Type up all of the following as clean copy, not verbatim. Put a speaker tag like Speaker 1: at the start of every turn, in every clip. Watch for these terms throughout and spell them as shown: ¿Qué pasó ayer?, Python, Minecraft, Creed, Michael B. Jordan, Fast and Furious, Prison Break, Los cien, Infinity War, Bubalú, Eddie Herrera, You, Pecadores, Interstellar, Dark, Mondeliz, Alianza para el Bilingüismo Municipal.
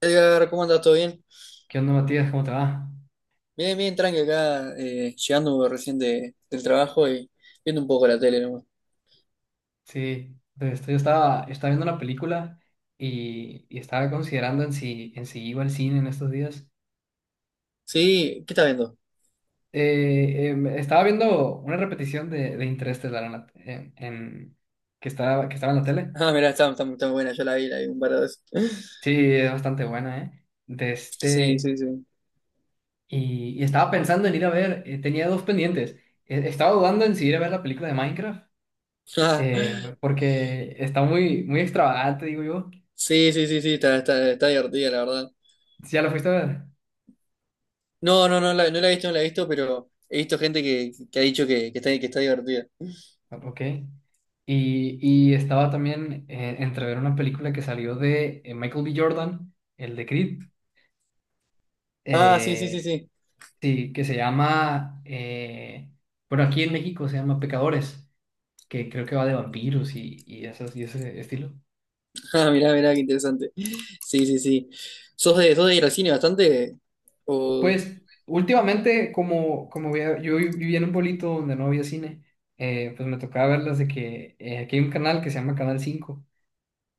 Speaker 1: Edgar, ¿cómo andas? ¿Todo bien?
Speaker 2: ¿Qué onda, Matías? ¿Cómo te va?
Speaker 1: Bien, bien, tranqui acá, llegando recién del trabajo y viendo un poco la tele nomás.
Speaker 2: Sí, entonces yo estaba viendo una película y estaba considerando en si iba al cine en estos días.
Speaker 1: Sí, ¿qué estás viendo?
Speaker 2: Estaba viendo una repetición de Interestelar en la- en- que estaba en la tele.
Speaker 1: Ah, mirá, está buena, yo la vi un par de veces.
Speaker 2: Sí, es bastante buena, ¿eh? De
Speaker 1: Sí,
Speaker 2: este,
Speaker 1: sí, sí.
Speaker 2: y, y estaba pensando en ir a ver, tenía dos pendientes. Estaba dudando en si ir a ver la película de Minecraft,
Speaker 1: Ah,
Speaker 2: porque está muy, muy extravagante, digo yo.
Speaker 1: sí, sí, sí, sí, está divertida, la verdad.
Speaker 2: ¿Sí? ¿Ya la fuiste a ver?
Speaker 1: No, no, no la he visto, no la he visto, pero he visto gente que ha dicho que está divertida.
Speaker 2: Ok. Y estaba también entre ver una película que salió de Michael B. Jordan, el de Creed,
Speaker 1: Ah, sí, sí, sí,
Speaker 2: eh,
Speaker 1: sí.
Speaker 2: sí, que se llama, bueno, aquí en México se llama Pecadores, que creo que va de vampiros y ese estilo.
Speaker 1: Ah, mirá, mirá, qué interesante. Sí, sí, sí. Sos de ir al cine bastante? ¿O...?
Speaker 2: Pues últimamente, como, como vea- yo vi- vivía en un pueblito donde no había cine, pues me tocaba verlas de que aquí hay un canal que se llama Canal Cinco.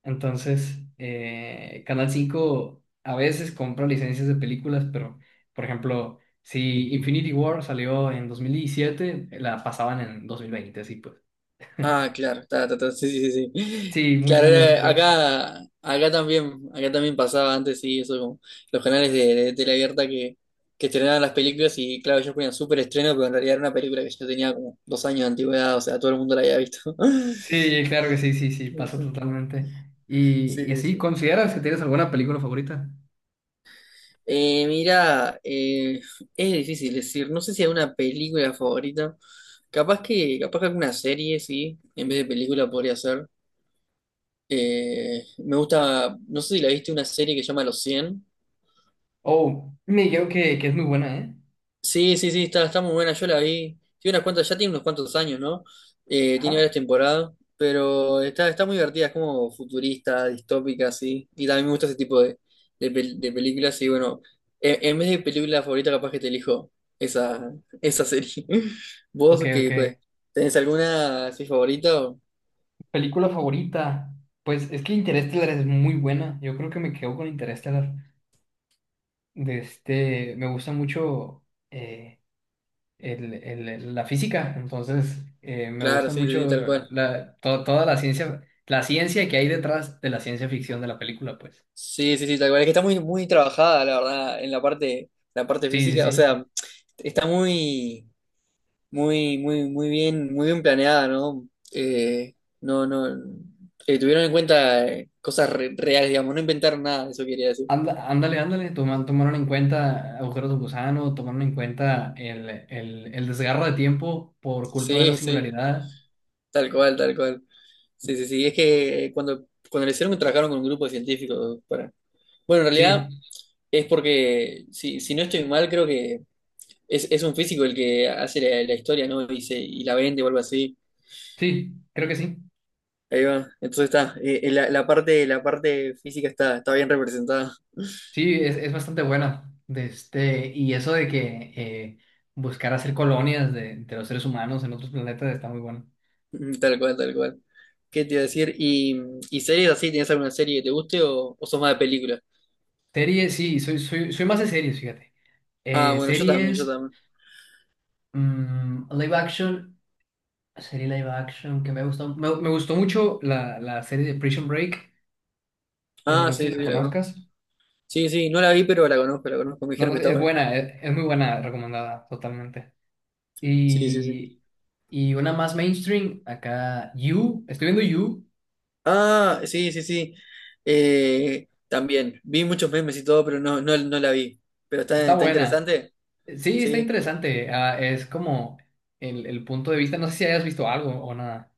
Speaker 2: Entonces, Canal 5 a veces compra licencias de películas, pero, por ejemplo, si Infinity War salió en 2017 la pasaban en 2020 así pues.
Speaker 1: Ah, claro, ta, ta, ta, sí, sí, sí. Sí.
Speaker 2: Sí, muchos
Speaker 1: Claro,
Speaker 2: años después.
Speaker 1: acá, acá también pasaba antes, sí, eso, como los canales de tele abierta que estrenaban las películas y claro, ellos ponían súper estreno, pero en realidad era una película que yo tenía como dos años de antigüedad, o sea, todo el mundo la había visto.
Speaker 2: Sí, claro que sí, sí, sí, pasa
Speaker 1: Ujú.
Speaker 2: totalmente. Y,
Speaker 1: Sí,
Speaker 2: y
Speaker 1: sí,
Speaker 2: así,
Speaker 1: sí.
Speaker 2: ¿consideras que tienes alguna película favorita?
Speaker 1: Mira, es difícil decir, no sé si hay una película favorita, capaz que alguna serie, sí, en vez de película podría ser. Me gusta, no sé si la viste, una serie que se llama Los cien.
Speaker 2: Oh, me dijeron que es muy buena, ¿eh?
Speaker 1: Sí, sí, sí, está, está muy buena, yo la vi. Tiene unas cuantas, ya tiene unos cuantos años, ¿no? Tiene
Speaker 2: Ajá.
Speaker 1: varias temporadas, pero está, está muy divertida, es como futurista, distópica, así. Y también me gusta ese tipo de, de películas. Y bueno, en vez de película favorita, capaz que te elijo esa, esa serie.
Speaker 2: Ok,
Speaker 1: ¿Vos
Speaker 2: ok.
Speaker 1: qué, pues, tenés alguna así favorita? O...
Speaker 2: ¿Película favorita? Pues es que Interestelar es muy buena. Yo creo que me quedo con Interestelar. Me gusta mucho eh, la física, entonces me
Speaker 1: Claro,
Speaker 2: gusta
Speaker 1: sí, sí,
Speaker 2: mucho
Speaker 1: sí, tal cual.
Speaker 2: toda la ciencia que hay detrás de la ciencia ficción de la película, pues.
Speaker 1: Sí, sí, sí, tal cual. Es que está muy, muy trabajada, la verdad, en la parte
Speaker 2: Sí, sí,
Speaker 1: física. O
Speaker 2: sí.
Speaker 1: sea, está muy, muy, muy, muy bien planeada, ¿no? No, no. Tuvieron en cuenta cosas reales, digamos, no inventaron nada, eso quería decir.
Speaker 2: Ándale, ándale, tomaron en cuenta agujeros de gusano, tomaron en cuenta el desgarro de tiempo por culpa de la
Speaker 1: Sí, sí,
Speaker 2: singularidad.
Speaker 1: tal cual, tal cual. Sí, sí, sí. Es que cuando, cuando lo hicieron, trabajaron con un grupo de científicos para. Bueno, en realidad
Speaker 2: Sí,
Speaker 1: es porque, si, si no estoy mal, creo que. Es un físico el que hace la, la historia, ¿no? Y, y la vende o algo así.
Speaker 2: sí, creo que sí.
Speaker 1: Ahí va. Entonces está. La, la parte física está, está bien representada.
Speaker 2: Sí, es bastante buena. Y eso de que eh, buscar hacer colonias de los seres humanos en otros planetas está muy bueno.
Speaker 1: Tal cual, tal cual. ¿Qué te iba a decir? Y series así? ¿Tienes alguna serie que te guste o sos más de película?
Speaker 2: Series, sí, soy más de series, fíjate.
Speaker 1: Ah, bueno, yo también, yo
Speaker 2: Series,
Speaker 1: también.
Speaker 2: live action, serie live action que me gustó. Me gustó mucho la serie de Prison Break.
Speaker 1: Ah,
Speaker 2: No sé
Speaker 1: sí,
Speaker 2: si la
Speaker 1: sí, la conozco.
Speaker 2: conozcas.
Speaker 1: Sí, sí, no la vi, pero la conozco, la conozco. Me
Speaker 2: No,
Speaker 1: dijeron que
Speaker 2: no,
Speaker 1: está
Speaker 2: es
Speaker 1: buena.
Speaker 2: buena, es muy buena, recomendada totalmente.
Speaker 1: Sí, sí, sí.
Speaker 2: Y, y una más mainstream, acá, You. Estoy viendo You,
Speaker 1: Ah, sí, sí, sí. También. Vi muchos memes y todo, pero no, no, no la vi. Pero está,
Speaker 2: está
Speaker 1: está
Speaker 2: buena.
Speaker 1: interesante.
Speaker 2: Sí, está
Speaker 1: Sí.
Speaker 2: interesante. Ah, es como el punto de vista. No sé si hayas visto algo o nada.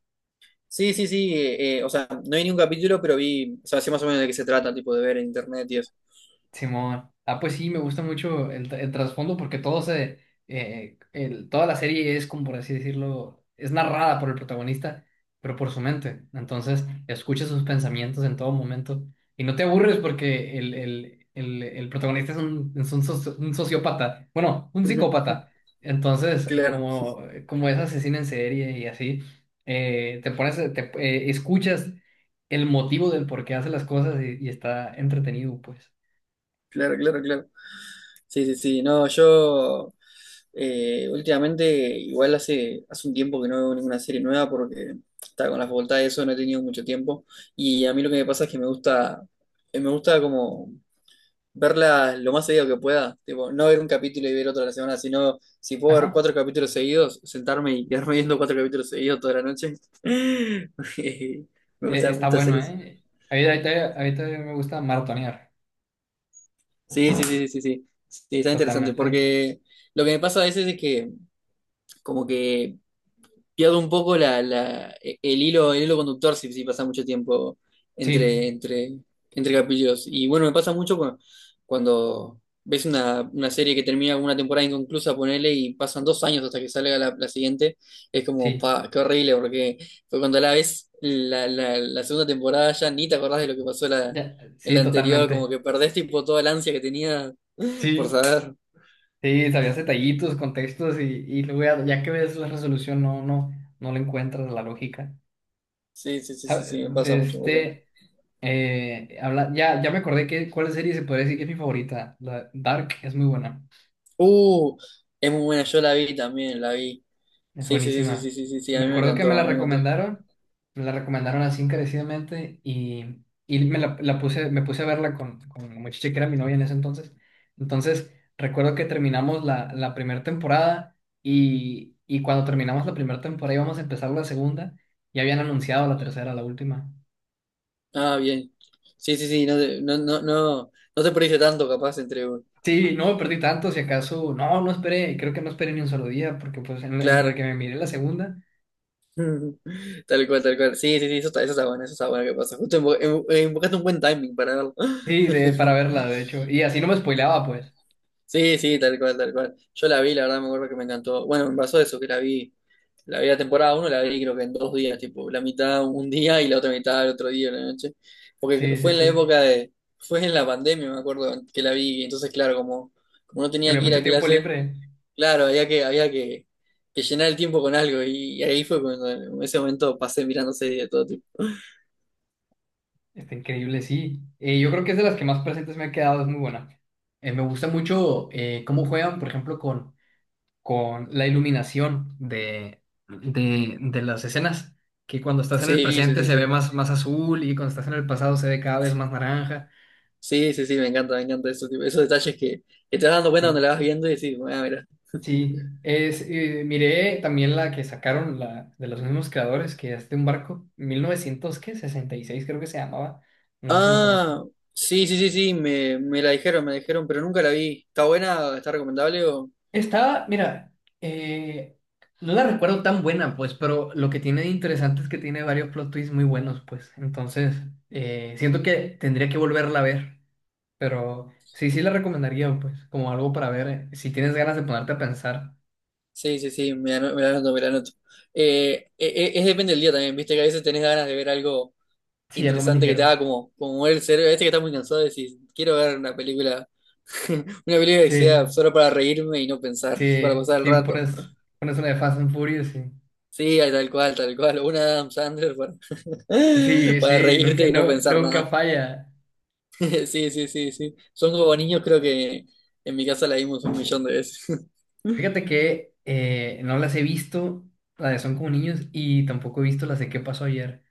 Speaker 1: Sí, sí, sí, o sea, no vi ningún capítulo, pero vi, o sea, sé más o menos de qué se trata, tipo de ver en internet y eso.
Speaker 2: Simón. Ah, pues sí, me gusta mucho el trasfondo porque toda la serie es, como por así decirlo, es narrada por el protagonista, pero por su mente. Entonces, escuchas sus pensamientos en todo momento y no te aburres porque el protagonista es un sociópata, bueno, un
Speaker 1: Ujú.
Speaker 2: psicópata. Entonces,
Speaker 1: Claro,
Speaker 2: como es asesino en serie y así, escuchas el motivo del por qué hace las cosas y está entretenido, pues.
Speaker 1: claro, claro, claro. Sí, sí, sí, no, yo últimamente, igual hace, hace un tiempo que no veo ninguna serie nueva porque está con la facultad y eso, no he tenido mucho tiempo. Y a mí lo que me pasa es que me gusta como verla lo más seguido que pueda. Tipo, no ver un capítulo y ver otro a la semana, sino si puedo ver
Speaker 2: Ajá.
Speaker 1: cuatro capítulos seguidos, sentarme y quedarme viendo cuatro capítulos seguidos toda la noche. Me
Speaker 2: Está
Speaker 1: gusta hacer
Speaker 2: bueno,
Speaker 1: eso.
Speaker 2: ¿eh? Ahorita me gusta maratonear.
Speaker 1: Sí, sí, sí, sí, sí, sí. Sí, está interesante,
Speaker 2: Totalmente.
Speaker 1: porque lo que me pasa a veces es que como que pierdo un poco el hilo conductor si, si pasa mucho tiempo entre,
Speaker 2: Sí,
Speaker 1: entre, entre capítulos. Y bueno, me pasa mucho cuando ves una serie que termina con una temporada inconclusa, ponele, y pasan dos años hasta que salga la, la siguiente, es como,
Speaker 2: sí.
Speaker 1: pa, qué horrible, porque fue cuando la ves la, la, la segunda temporada ya ni te acordás de lo que pasó
Speaker 2: Ya,
Speaker 1: en
Speaker 2: sí,
Speaker 1: la anterior, como
Speaker 2: totalmente.
Speaker 1: que perdés tipo toda la ansia que tenía por
Speaker 2: Sí,
Speaker 1: saber.
Speaker 2: sí, sabías detallitos, contextos y luego ya que ves la resolución no, no, no le encuentras la lógica.
Speaker 1: Sí, sí, sí, sí,
Speaker 2: ¿Sabe?
Speaker 1: sí, me pasa
Speaker 2: De
Speaker 1: mucho, me pasa mucho.
Speaker 2: este, habla, ya, ya me acordé que cuál serie se podría decir que es mi favorita. La Dark es muy buena.
Speaker 1: Uh, es muy buena, yo la vi también, la vi.
Speaker 2: Es
Speaker 1: Sí, sí, sí, sí, sí,
Speaker 2: buenísima.
Speaker 1: sí, sí, sí, a
Speaker 2: Me
Speaker 1: mí me
Speaker 2: acuerdo que
Speaker 1: encantó, a mí me encantó.
Speaker 2: me la recomendaron así encarecidamente y me la puse, me puse a verla con la muchacha que era mi novia en ese entonces. Entonces, recuerdo que terminamos la primera temporada y cuando terminamos la primera temporada íbamos a empezar la segunda y habían anunciado la tercera, la última.
Speaker 1: Ah, bien. Sí, sí, sí, no te, no, no, no, no te perdiste tanto capaz entre un.
Speaker 2: Sí, no me perdí tanto, si acaso, no, no esperé, creo que no esperé ni un solo día porque pues entre que
Speaker 1: Claro.
Speaker 2: me miré la segunda,
Speaker 1: Tal cual, tal cual. Sí, sí, sí, eso está bueno que pasa. Justo invocaste un buen timing para verlo.
Speaker 2: sí, para verla, de hecho, y así no me spoileaba pues.
Speaker 1: Sí, sí, tal cual, tal cual. Yo la vi, la verdad me acuerdo que me encantó. Bueno, me pasó eso, que la vi, la vi la temporada uno, la vi creo que en dos días, tipo, la mitad un día y la otra mitad el otro día la noche. Porque
Speaker 2: Sí, sí,
Speaker 1: fue en la
Speaker 2: sí.
Speaker 1: época de, fue en la pandemia, me acuerdo que la vi, y entonces claro, como, como no
Speaker 2: Que
Speaker 1: tenía
Speaker 2: había
Speaker 1: que ir
Speaker 2: mucho
Speaker 1: a
Speaker 2: tiempo
Speaker 1: clase,
Speaker 2: libre.
Speaker 1: claro, había que llenar el tiempo con algo, y ahí fue cuando en ese momento pasé mirando series de todo tipo.
Speaker 2: Está increíble, sí. Yo creo que es de las que más presentes me ha quedado, es muy buena. Me gusta mucho cómo juegan, por ejemplo, con la iluminación de las escenas, que cuando estás en el
Speaker 1: Sí, sí,
Speaker 2: presente
Speaker 1: sí,
Speaker 2: se ve
Speaker 1: sí.
Speaker 2: más azul y cuando estás en el pasado se ve cada vez más naranja.
Speaker 1: Sí, sí, sí, me encanta eso, tipo, esos detalles que te vas dando cuenta cuando
Speaker 2: Sí,
Speaker 1: la vas viendo y decís, ah, mira.
Speaker 2: sí. Miré también la que sacaron de los mismos creadores, que es de un barco, 1966 creo que se llamaba, no sé si la conozco.
Speaker 1: Ah, sí, sí, sí, sí, me, me la dijeron, pero nunca la vi. ¿Está buena? ¿Está recomendable? O...
Speaker 2: Mira, eh, no la recuerdo tan buena, pues, pero lo que tiene de interesante es que tiene varios plot twists muy buenos, pues. Entonces, siento que tendría que volverla a ver, pero sí, sí la recomendaría, pues, como algo para ver, si tienes ganas de ponerte a pensar,
Speaker 1: Sí, sí, sí, me la anoto, me la anoto. Eh, e- es, depende del día también, viste que a veces tenés ganas de ver algo
Speaker 2: sí, algo más
Speaker 1: interesante que te
Speaker 2: ligero.
Speaker 1: haga como, como mover el cerebro. A veces que estás muy cansado y decís, quiero ver una película, una película que sea
Speaker 2: Sí,
Speaker 1: solo para reírme y no pensar, para
Speaker 2: sí,
Speaker 1: pasar el
Speaker 2: sí,
Speaker 1: rato.
Speaker 2: pones una de Fast and Furious, sí.
Speaker 1: Sí, tal cual, una de Adam Sandler para,
Speaker 2: Sí,
Speaker 1: para
Speaker 2: sí,
Speaker 1: reírte y no pensar
Speaker 2: nunca
Speaker 1: nada.
Speaker 2: falla.
Speaker 1: Sí, sí, sí, sí. Son como niños, creo que en mi casa la vimos un millón de veces.
Speaker 2: Fíjate que no las he visto, las de Son como niños, y tampoco he visto las de ¿Qué pasó ayer?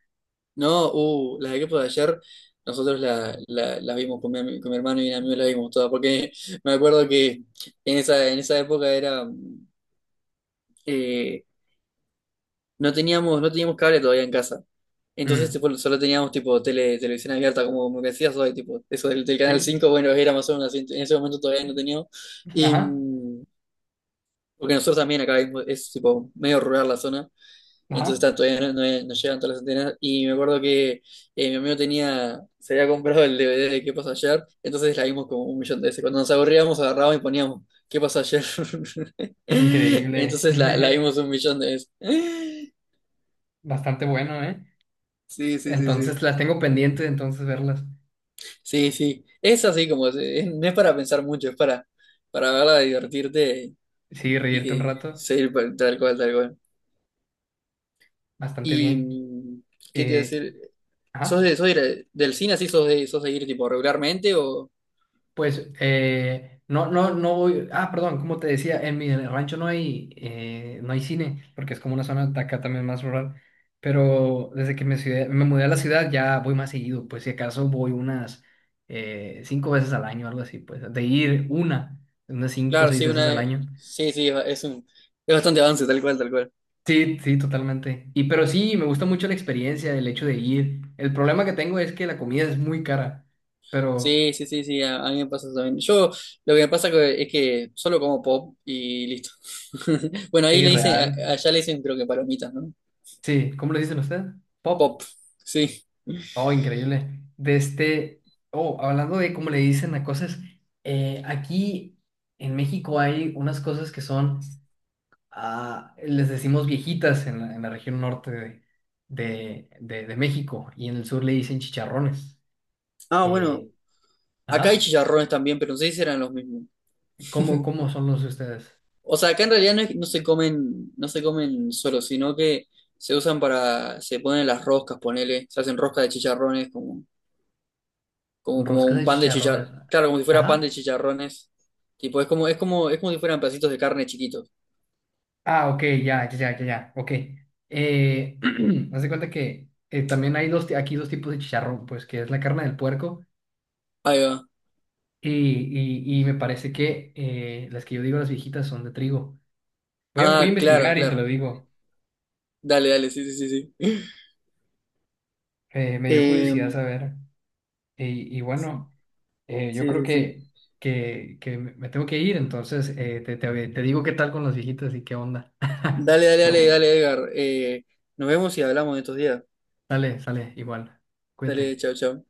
Speaker 1: No, las de Crepos de ayer, nosotros la, la, la vimos con mi, con mi hermano y mi amigo, la vimos todas, porque me acuerdo que en esa época era, eh, no teníamos, no teníamos cable todavía en casa. Entonces
Speaker 2: Mm,
Speaker 1: tipo, solo teníamos tipo tele, televisión abierta, como, como que decías hoy, tipo, eso del, del Canal
Speaker 2: sí,
Speaker 1: 5 bueno, era más o menos así, en ese momento todavía no teníamos. Y,
Speaker 2: ajá,
Speaker 1: porque nosotros también acá vimos, es tipo medio rural la zona. Entonces
Speaker 2: ajá,
Speaker 1: ta, todavía no, no llegan todas las antenas. Y me acuerdo que mi amigo tenía, se había comprado el DVD de ¿Qué pasó ayer? Entonces la vimos como un millón de veces. Cuando nos aburríamos, agarrábamos y poníamos ¿Qué pasó ayer?
Speaker 2: increíble,
Speaker 1: Entonces la vimos un millón de veces.
Speaker 2: bastante bueno, ¿eh?
Speaker 1: Sí, sí, sí, sí.
Speaker 2: Entonces las tengo pendientes, entonces verlas,
Speaker 1: Sí, sí. Es así como, no es para pensar mucho, es para verla, divertirte
Speaker 2: sí, reírte un
Speaker 1: y
Speaker 2: rato,
Speaker 1: seguir tal cual, tal cual.
Speaker 2: bastante
Speaker 1: Y,
Speaker 2: bien.
Speaker 1: ¿qué te iba a
Speaker 2: Eh,
Speaker 1: decir?
Speaker 2: ajá.
Speaker 1: Sos de ir del cine así? Sos de ir tipo regularmente? O,
Speaker 2: Pues no, no, no voy. Ah, perdón, como te decía, en mi rancho no hay, no hay cine, porque es como una zona de acá también más rural. Pero desde que me mudé a la ciudad ya voy más seguido, pues si acaso voy unas cinco veces al año, algo así, pues de ir unas cinco o
Speaker 1: claro,
Speaker 2: seis
Speaker 1: sí,
Speaker 2: veces al
Speaker 1: una,
Speaker 2: año.
Speaker 1: sí, sí, es un, es bastante avance, tal cual, tal cual.
Speaker 2: Sí, sí, totalmente. Y pero sí, me gusta mucho la experiencia, el hecho de ir. El problema que tengo es que la comida es muy cara, pero
Speaker 1: Sí, sí, sí, sí, a mí me pasa eso también. Yo, lo que me pasa es que solo como pop y listo. Bueno, ahí
Speaker 2: sí,
Speaker 1: le dicen,
Speaker 2: real.
Speaker 1: allá le dicen creo que palomitas, ¿no?
Speaker 2: Sí, ¿cómo lo dicen ustedes? Pop.
Speaker 1: Pop, sí.
Speaker 2: Oh, increíble. Hablando de cómo le dicen a cosas, aquí en México hay unas cosas les decimos viejitas en en la región norte de México y en el sur le dicen chicharrones.
Speaker 1: Ah, bueno,
Speaker 2: Eh,
Speaker 1: acá hay
Speaker 2: ajá.
Speaker 1: chicharrones también, pero no sé si eran los mismos.
Speaker 2: ¿Cómo son los de ustedes?
Speaker 1: O sea, acá en realidad no, no se comen, no se comen solo, sino que se usan para, se ponen las roscas, ponele, se hacen roscas de chicharrones, como, como, como
Speaker 2: Roscas
Speaker 1: un
Speaker 2: de
Speaker 1: pan de
Speaker 2: chicharrones.
Speaker 1: chicharrones, claro, como si fuera pan
Speaker 2: Ajá.
Speaker 1: de chicharrones. Tipo, es como, es como, es como si fueran pedacitos de carne chiquitos.
Speaker 2: Ah, ok, ya, ya, ya, ya, ya, ok. Eh, Haz de cuenta que también hay aquí dos tipos de chicharrón, pues que es la carne del puerco.
Speaker 1: Ahí va.
Speaker 2: Y, y me parece que las que yo digo, las viejitas, son de trigo. Voy a
Speaker 1: Ah, claro,
Speaker 2: investigar y te lo
Speaker 1: claro.
Speaker 2: digo.
Speaker 1: Dale, dale, sí, sí, sí, sí.
Speaker 2: Me dio
Speaker 1: Eh,
Speaker 2: curiosidad saber. Y bueno, yo
Speaker 1: sí,
Speaker 2: creo
Speaker 1: sí, sí.
Speaker 2: que me tengo que ir, entonces te digo qué tal con las viejitas y qué onda.
Speaker 1: Dale, dale, dale, dale, Edgar. Nos vemos y hablamos en estos días.
Speaker 2: Sale, sale, igual.
Speaker 1: Dale,
Speaker 2: Cuídate.
Speaker 1: chao, chao.